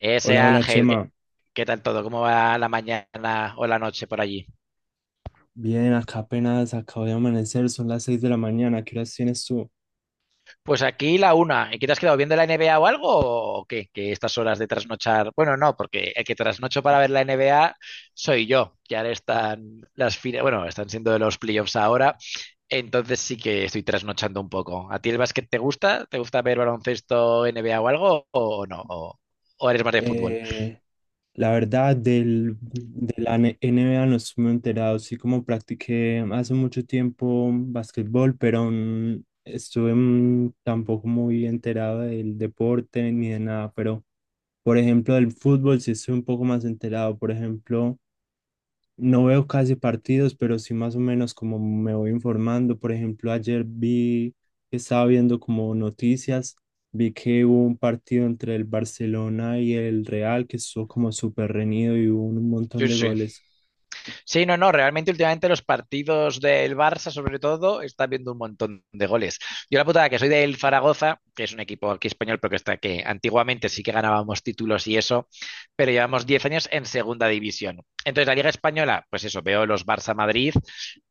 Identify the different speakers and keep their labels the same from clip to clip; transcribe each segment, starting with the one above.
Speaker 1: Ese
Speaker 2: Hola, hola
Speaker 1: Ángel,
Speaker 2: Chema.
Speaker 1: ¿qué tal todo? ¿Cómo va la mañana o la noche por allí?
Speaker 2: Bien, acá apenas acabo de amanecer, son las 6 de la mañana. ¿Qué horas tienes tú?
Speaker 1: Pues aquí la una. ¿Y qué te has quedado viendo la NBA o algo? ¿O qué? Que estas horas de trasnochar. Bueno, no, porque el que trasnocho para ver la NBA soy yo. Que ahora están las fines. Bueno, están siendo los playoffs ahora. Entonces sí que estoy trasnochando un poco. ¿A ti el básquet te gusta? ¿Te gusta ver baloncesto, NBA o algo? ¿O no? ¿O eres más de fútbol?
Speaker 2: Eh, la verdad, de la NBA no estoy muy enterado. Sí, como practiqué hace mucho tiempo básquetbol pero estuve tampoco muy enterado del deporte ni de nada. Pero, por ejemplo, del fútbol sí estoy un poco más enterado. Por ejemplo, no veo casi partidos, pero sí más o menos como me voy informando. Por ejemplo, ayer vi que estaba viendo como noticias, vi que hubo un partido entre el Barcelona y el Real que estuvo como súper reñido y hubo un montón
Speaker 1: Sí,
Speaker 2: de
Speaker 1: sí.
Speaker 2: goles.
Speaker 1: Sí, no, no, realmente últimamente los partidos del Barça, sobre todo, están viendo un montón de goles. Yo la putada que soy del Zaragoza, que es un equipo aquí español, pero que está que antiguamente sí que ganábamos títulos y eso, pero llevamos 10 años en segunda división. Entonces, la Liga Española, pues eso, veo los Barça Madrid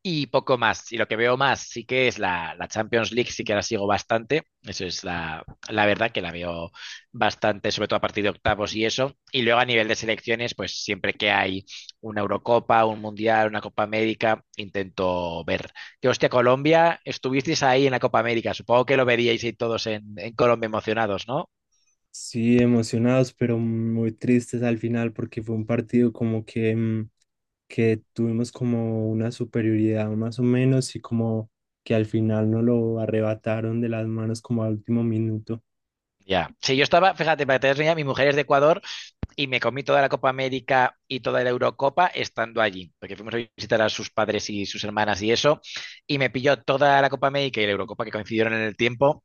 Speaker 1: y poco más. Y lo que veo más sí que es la Champions League, sí que la sigo bastante. Eso es la verdad que la veo bastante, sobre todo a partir de octavos y eso. Y luego a nivel de selecciones, pues siempre que hay una Eurocopa, un Mundial, una Copa América, intento ver. Que hostia, Colombia, estuvisteis ahí en la Copa América. Supongo que lo veríais ahí todos en Colombia emocionados, ¿no?
Speaker 2: Sí, emocionados, pero muy tristes al final porque fue un partido como que, que tuvimos como una superioridad más o menos y como que al final no lo arrebataron de las manos como al último minuto.
Speaker 1: Ya. Sí, yo estaba, fíjate, para que te des una idea, mi mujer es de Ecuador y me comí toda la Copa América y toda la Eurocopa estando allí, porque fuimos a visitar a sus padres y sus hermanas y eso, y me pilló toda la Copa América y la Eurocopa que coincidieron en el tiempo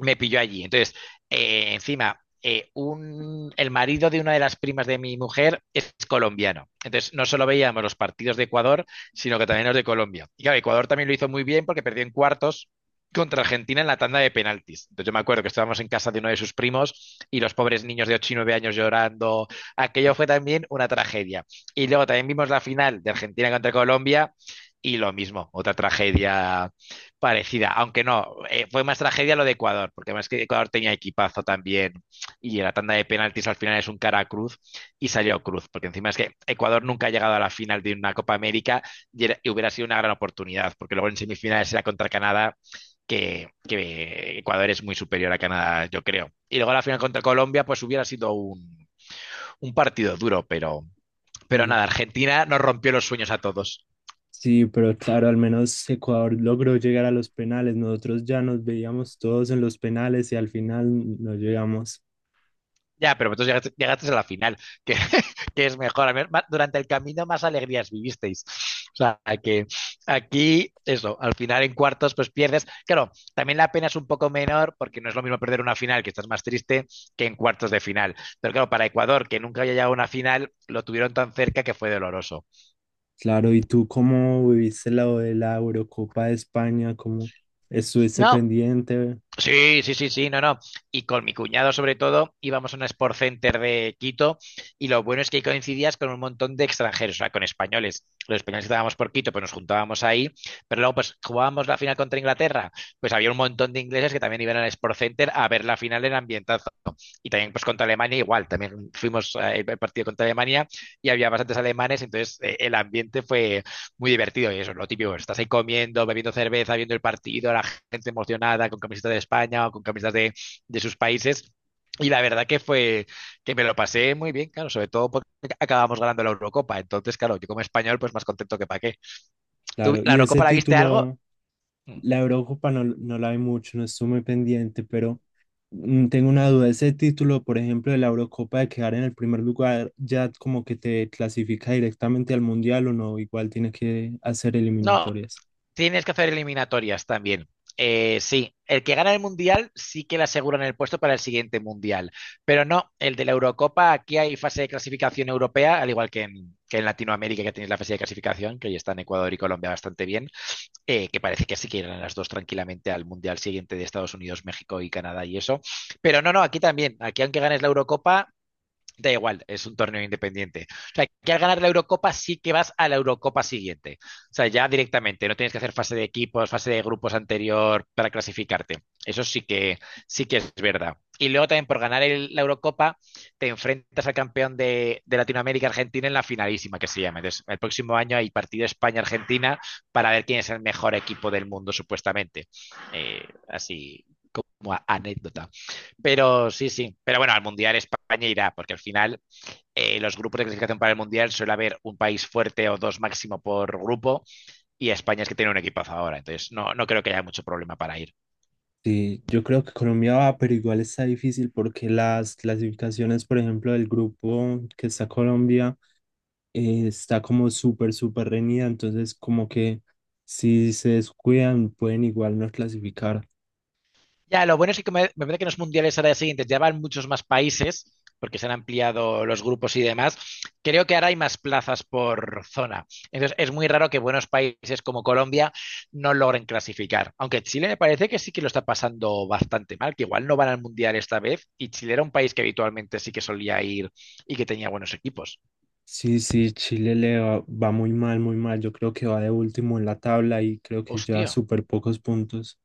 Speaker 1: me pilló allí. Entonces, encima, el marido de una de las primas de mi mujer es colombiano. Entonces, no solo veíamos los partidos de Ecuador, sino que también los de Colombia. Y claro, Ecuador también lo hizo muy bien porque perdió en cuartos contra Argentina en la tanda de penaltis. Entonces yo me acuerdo que estábamos en casa de uno de sus primos y los pobres niños de 8 y 9 años llorando. Aquello fue también una tragedia. Y luego también vimos la final de Argentina contra Colombia y lo mismo, otra tragedia parecida, aunque no, fue más tragedia lo de Ecuador, porque más que Ecuador tenía equipazo también y en la tanda de penaltis al final es un cara a cruz y salió cruz, porque encima es que Ecuador nunca ha llegado a la final de una Copa América y, y hubiera sido una gran oportunidad, porque luego en semifinales era contra Canadá, que Ecuador es muy superior a Canadá, yo creo. Y luego la final contra Colombia, pues hubiera sido un partido duro, pero
Speaker 2: Sí.
Speaker 1: nada, Argentina nos rompió los sueños a todos.
Speaker 2: Sí, pero claro, al menos Ecuador logró llegar a los penales. Nosotros ya nos veíamos todos en los penales y al final no llegamos.
Speaker 1: Ya, pero vosotros llegaste a la final, que, que es mejor. A ver, durante el camino más alegrías vivisteis. O sea, que aquí, eso, al final en cuartos pues pierdes. Claro, también la pena es un poco menor porque no es lo mismo perder una final, que estás más triste, que en cuartos de final. Pero claro, para Ecuador, que nunca había llegado a una final, lo tuvieron tan cerca que fue doloroso.
Speaker 2: Claro, ¿y tú cómo viviste lo de la Eurocopa de España? ¿Cómo estuviste
Speaker 1: No,
Speaker 2: pendiente?
Speaker 1: sí, sí, sí, sí, no, no. Y con mi cuñado, sobre todo, íbamos a un Sport Center de Quito y lo bueno es que ahí coincidías con un montón de extranjeros, o sea, con españoles. Los españoles que estábamos por Quito, pues nos juntábamos ahí, pero luego, pues jugábamos la final contra Inglaterra, pues había un montón de ingleses que también iban al Sport Center a ver la final en ambientazo. Y también pues contra Alemania igual, también fuimos el partido contra Alemania y había bastantes alemanes, entonces el ambiente fue muy divertido y eso es lo típico, estás ahí comiendo, bebiendo cerveza, viendo el partido, la gente emocionada con camisetas de España o con camisetas de sus países. Y la verdad que fue que me lo pasé muy bien, claro, sobre todo porque acabamos ganando la Eurocopa. Entonces, claro, yo como español, pues más contento que para qué. ¿Tú
Speaker 2: Claro,
Speaker 1: la
Speaker 2: y ese
Speaker 1: Eurocopa la viste algo?
Speaker 2: título, la Eurocopa no, no la vi mucho, no estuve muy pendiente, pero tengo una duda. Ese título, por ejemplo, de la Eurocopa de quedar en el primer lugar, ya como que te clasifica directamente al Mundial o no, igual tiene que hacer
Speaker 1: No,
Speaker 2: eliminatorias.
Speaker 1: tienes que hacer eliminatorias también. Sí, el que gana el mundial sí que le aseguran el puesto para el siguiente mundial, pero no, el de la Eurocopa, aquí hay fase de clasificación europea, al igual que que en Latinoamérica que tenéis la fase de clasificación, que ya están Ecuador y Colombia bastante bien, que parece que sí que irán las dos tranquilamente al mundial siguiente de Estados Unidos, México y Canadá y eso, pero no, no, aquí también, aquí aunque ganes la Eurocopa, da igual, es un torneo independiente. O sea, que al ganar la Eurocopa sí que vas a la Eurocopa siguiente. O sea, ya directamente, no tienes que hacer fase de equipos, fase de grupos anterior para clasificarte. Eso sí que es verdad. Y luego también por ganar la Eurocopa te enfrentas al campeón de Latinoamérica Argentina en la finalísima que se llama. Entonces, el próximo año hay partido España-Argentina para ver quién es el mejor equipo del mundo, supuestamente. Así como anécdota. Pero sí, sí. Pero bueno, al Mundial España irá, porque al final los grupos de clasificación para el Mundial suele haber un país fuerte o dos máximo por grupo, y España es que tiene un equipazo ahora, entonces no, no creo que haya mucho problema para ir.
Speaker 2: Sí, yo creo que Colombia va, pero igual está difícil porque las clasificaciones, por ejemplo, del grupo que está Colombia, está como súper, súper reñida, entonces como que si se descuidan pueden igual no clasificar.
Speaker 1: Ya, lo bueno es que me parece que en los mundiales ahora siguientes ya van muchos más países, porque se han ampliado los grupos y demás. Creo que ahora hay más plazas por zona. Entonces, es muy raro que buenos países como Colombia no logren clasificar. Aunque Chile me parece que sí que lo está pasando bastante mal, que igual no van al mundial esta vez, y Chile era un país que habitualmente sí que solía ir y que tenía buenos equipos.
Speaker 2: Sí, sí, Chile le va, va muy mal, yo creo que va de último en la tabla y creo que lleva
Speaker 1: Hostia.
Speaker 2: súper pocos puntos.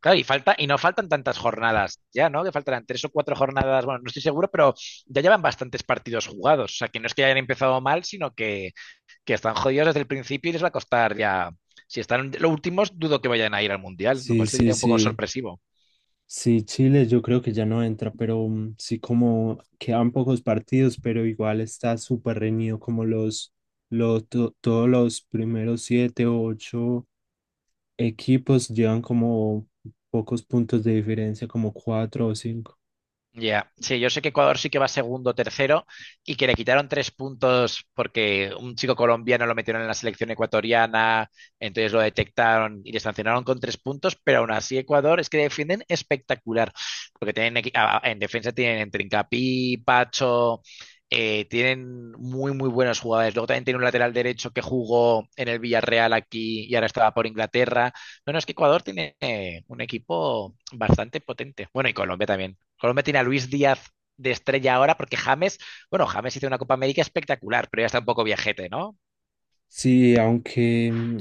Speaker 1: Claro, y falta, y no faltan tantas jornadas ya, ¿no? Que faltarán tres o cuatro jornadas, bueno, no estoy seguro, pero ya llevan bastantes partidos jugados. O sea, que no es que hayan empezado mal, sino que están jodidos desde el principio y les va a costar ya. Si están los últimos, dudo que vayan a ir al Mundial, lo
Speaker 2: Sí,
Speaker 1: cual
Speaker 2: sí,
Speaker 1: sería un poco
Speaker 2: sí.
Speaker 1: sorpresivo.
Speaker 2: Sí, Chile yo creo que ya no entra, pero sí como quedan pocos partidos, pero igual está súper reñido como todos los primeros siete o ocho equipos llevan como pocos puntos de diferencia, como cuatro o cinco.
Speaker 1: Ya, sí, yo sé que Ecuador sí que va segundo, tercero y que le quitaron 3 puntos porque un chico colombiano lo metieron en la selección ecuatoriana, entonces lo detectaron y le sancionaron con 3 puntos, pero aún así Ecuador es que defienden espectacular, porque tienen en defensa tienen Trincapi, Pacho, tienen muy muy buenos jugadores. Luego también tiene un lateral derecho que jugó en el Villarreal aquí y ahora estaba por Inglaterra. No, no, es que Ecuador tiene un equipo bastante potente. Bueno, y Colombia también. Colombia tiene a Luis Díaz de estrella ahora porque James, bueno, James hizo una Copa América espectacular, pero ya está un poco viajete, ¿no?
Speaker 2: Sí, aunque mm,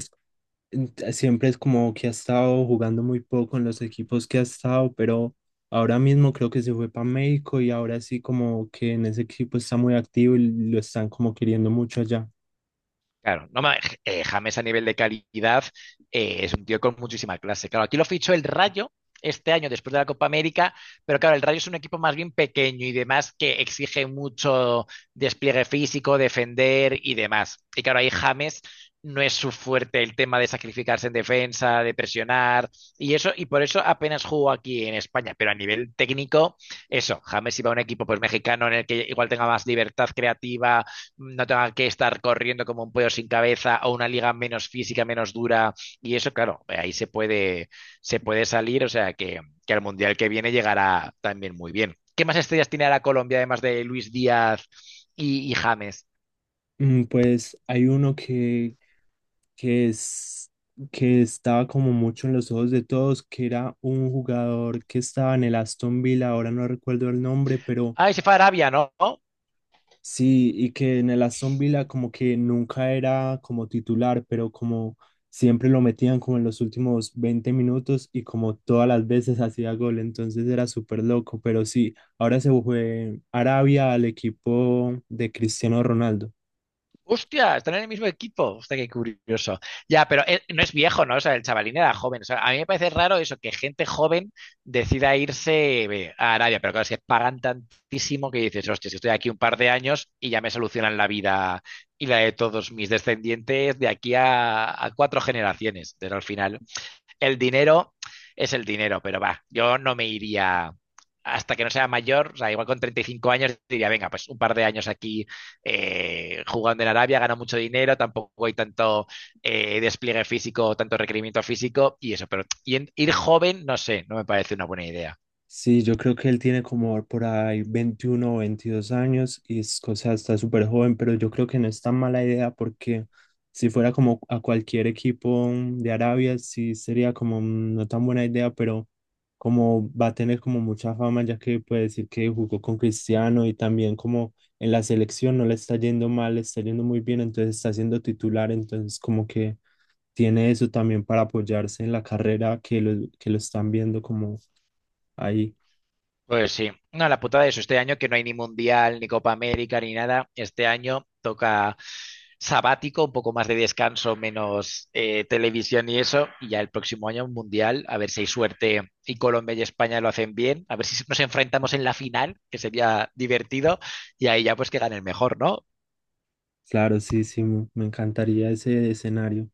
Speaker 2: ent- siempre es como que ha estado jugando muy poco en los equipos que ha estado, pero ahora mismo creo que se fue para México y ahora sí como que en ese equipo está muy activo y lo están como queriendo mucho allá.
Speaker 1: Claro, no, ma- James a nivel de calidad es un tío con muchísima clase. Claro, aquí lo fichó el Rayo este año después de la Copa América, pero claro, el Rayo es un equipo más bien pequeño y demás que exige mucho despliegue físico, defender y demás. Y claro, ahí James no es su fuerte el tema de sacrificarse en defensa, de presionar y eso, y por eso apenas jugó aquí en España, pero a nivel técnico, eso, James iba a un equipo pues mexicano en el que igual tenga más libertad creativa no tenga que estar corriendo como un pollo sin cabeza o una liga menos física, menos dura. Y eso, claro, ahí se puede salir, o sea que al Mundial que viene llegará también muy bien. ¿Qué más estrellas tiene ahora Colombia, además de Luis Díaz y James?
Speaker 2: Pues hay uno que es que estaba como mucho en los ojos de todos, que era un jugador que estaba en el Aston Villa, ahora no recuerdo el nombre, pero
Speaker 1: Ah, y se fue a Arabia, ¿no?
Speaker 2: sí, y que en el Aston Villa como que nunca era como titular, pero como siempre lo metían como en los últimos 20 minutos y como todas las veces hacía gol, entonces era súper loco, pero sí, ahora se fue Arabia al equipo de Cristiano Ronaldo.
Speaker 1: Hostia, están en el mismo equipo. Hostia, qué curioso. Ya, pero no es viejo, ¿no? O sea, el chavalín era joven. O sea, a mí me parece raro eso, que gente joven decida irse a Arabia, pero claro, si es que pagan tantísimo que dices, hostia, si estoy aquí un par de años y ya me solucionan la vida y la de todos mis descendientes de aquí a cuatro generaciones. Pero al final el dinero es el dinero, pero va, yo no me iría hasta que no sea mayor, o sea, igual con 35 años diría, venga, pues un par de años aquí jugando en Arabia, gano mucho dinero, tampoco hay tanto despliegue físico, tanto requerimiento físico y eso, ir joven, no sé, no me parece una buena idea.
Speaker 2: Sí, yo creo que él tiene como por ahí 21 o 22 años y es o sea, está súper joven, pero yo creo que no es tan mala idea porque si fuera como a cualquier equipo de Arabia, sí sería como no tan buena idea, pero como va a tener como mucha fama ya que puede decir que jugó con Cristiano y también como en la selección no le está yendo mal, le está yendo muy bien, entonces está siendo titular, entonces como que tiene eso también para apoyarse en la carrera que lo están viendo como ahí.
Speaker 1: Pues sí, no, la putada de eso, este año que no hay ni Mundial, ni Copa América, ni nada, este año toca sabático, un poco más de descanso, menos televisión y eso, y ya el próximo año un Mundial, a ver si hay suerte y Colombia y España lo hacen bien, a ver si nos enfrentamos en la final, que sería divertido, y ahí ya pues que gane el mejor, ¿no?
Speaker 2: Claro, sí, sí, me encantaría ese escenario.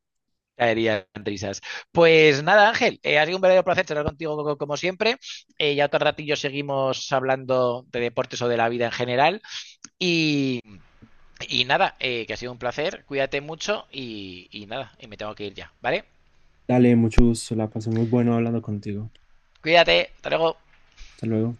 Speaker 1: Caerían risas. Pues nada, Ángel, ha sido un verdadero placer charlar contigo como siempre. Ya otro ratillo seguimos hablando de deportes o de la vida en general. Y, y nada, que ha sido un placer, cuídate mucho y nada, y me tengo que ir ya, ¿vale?
Speaker 2: Dale, mucho gusto, la pasé muy bueno hablando contigo.
Speaker 1: Cuídate, hasta luego.
Speaker 2: Hasta luego.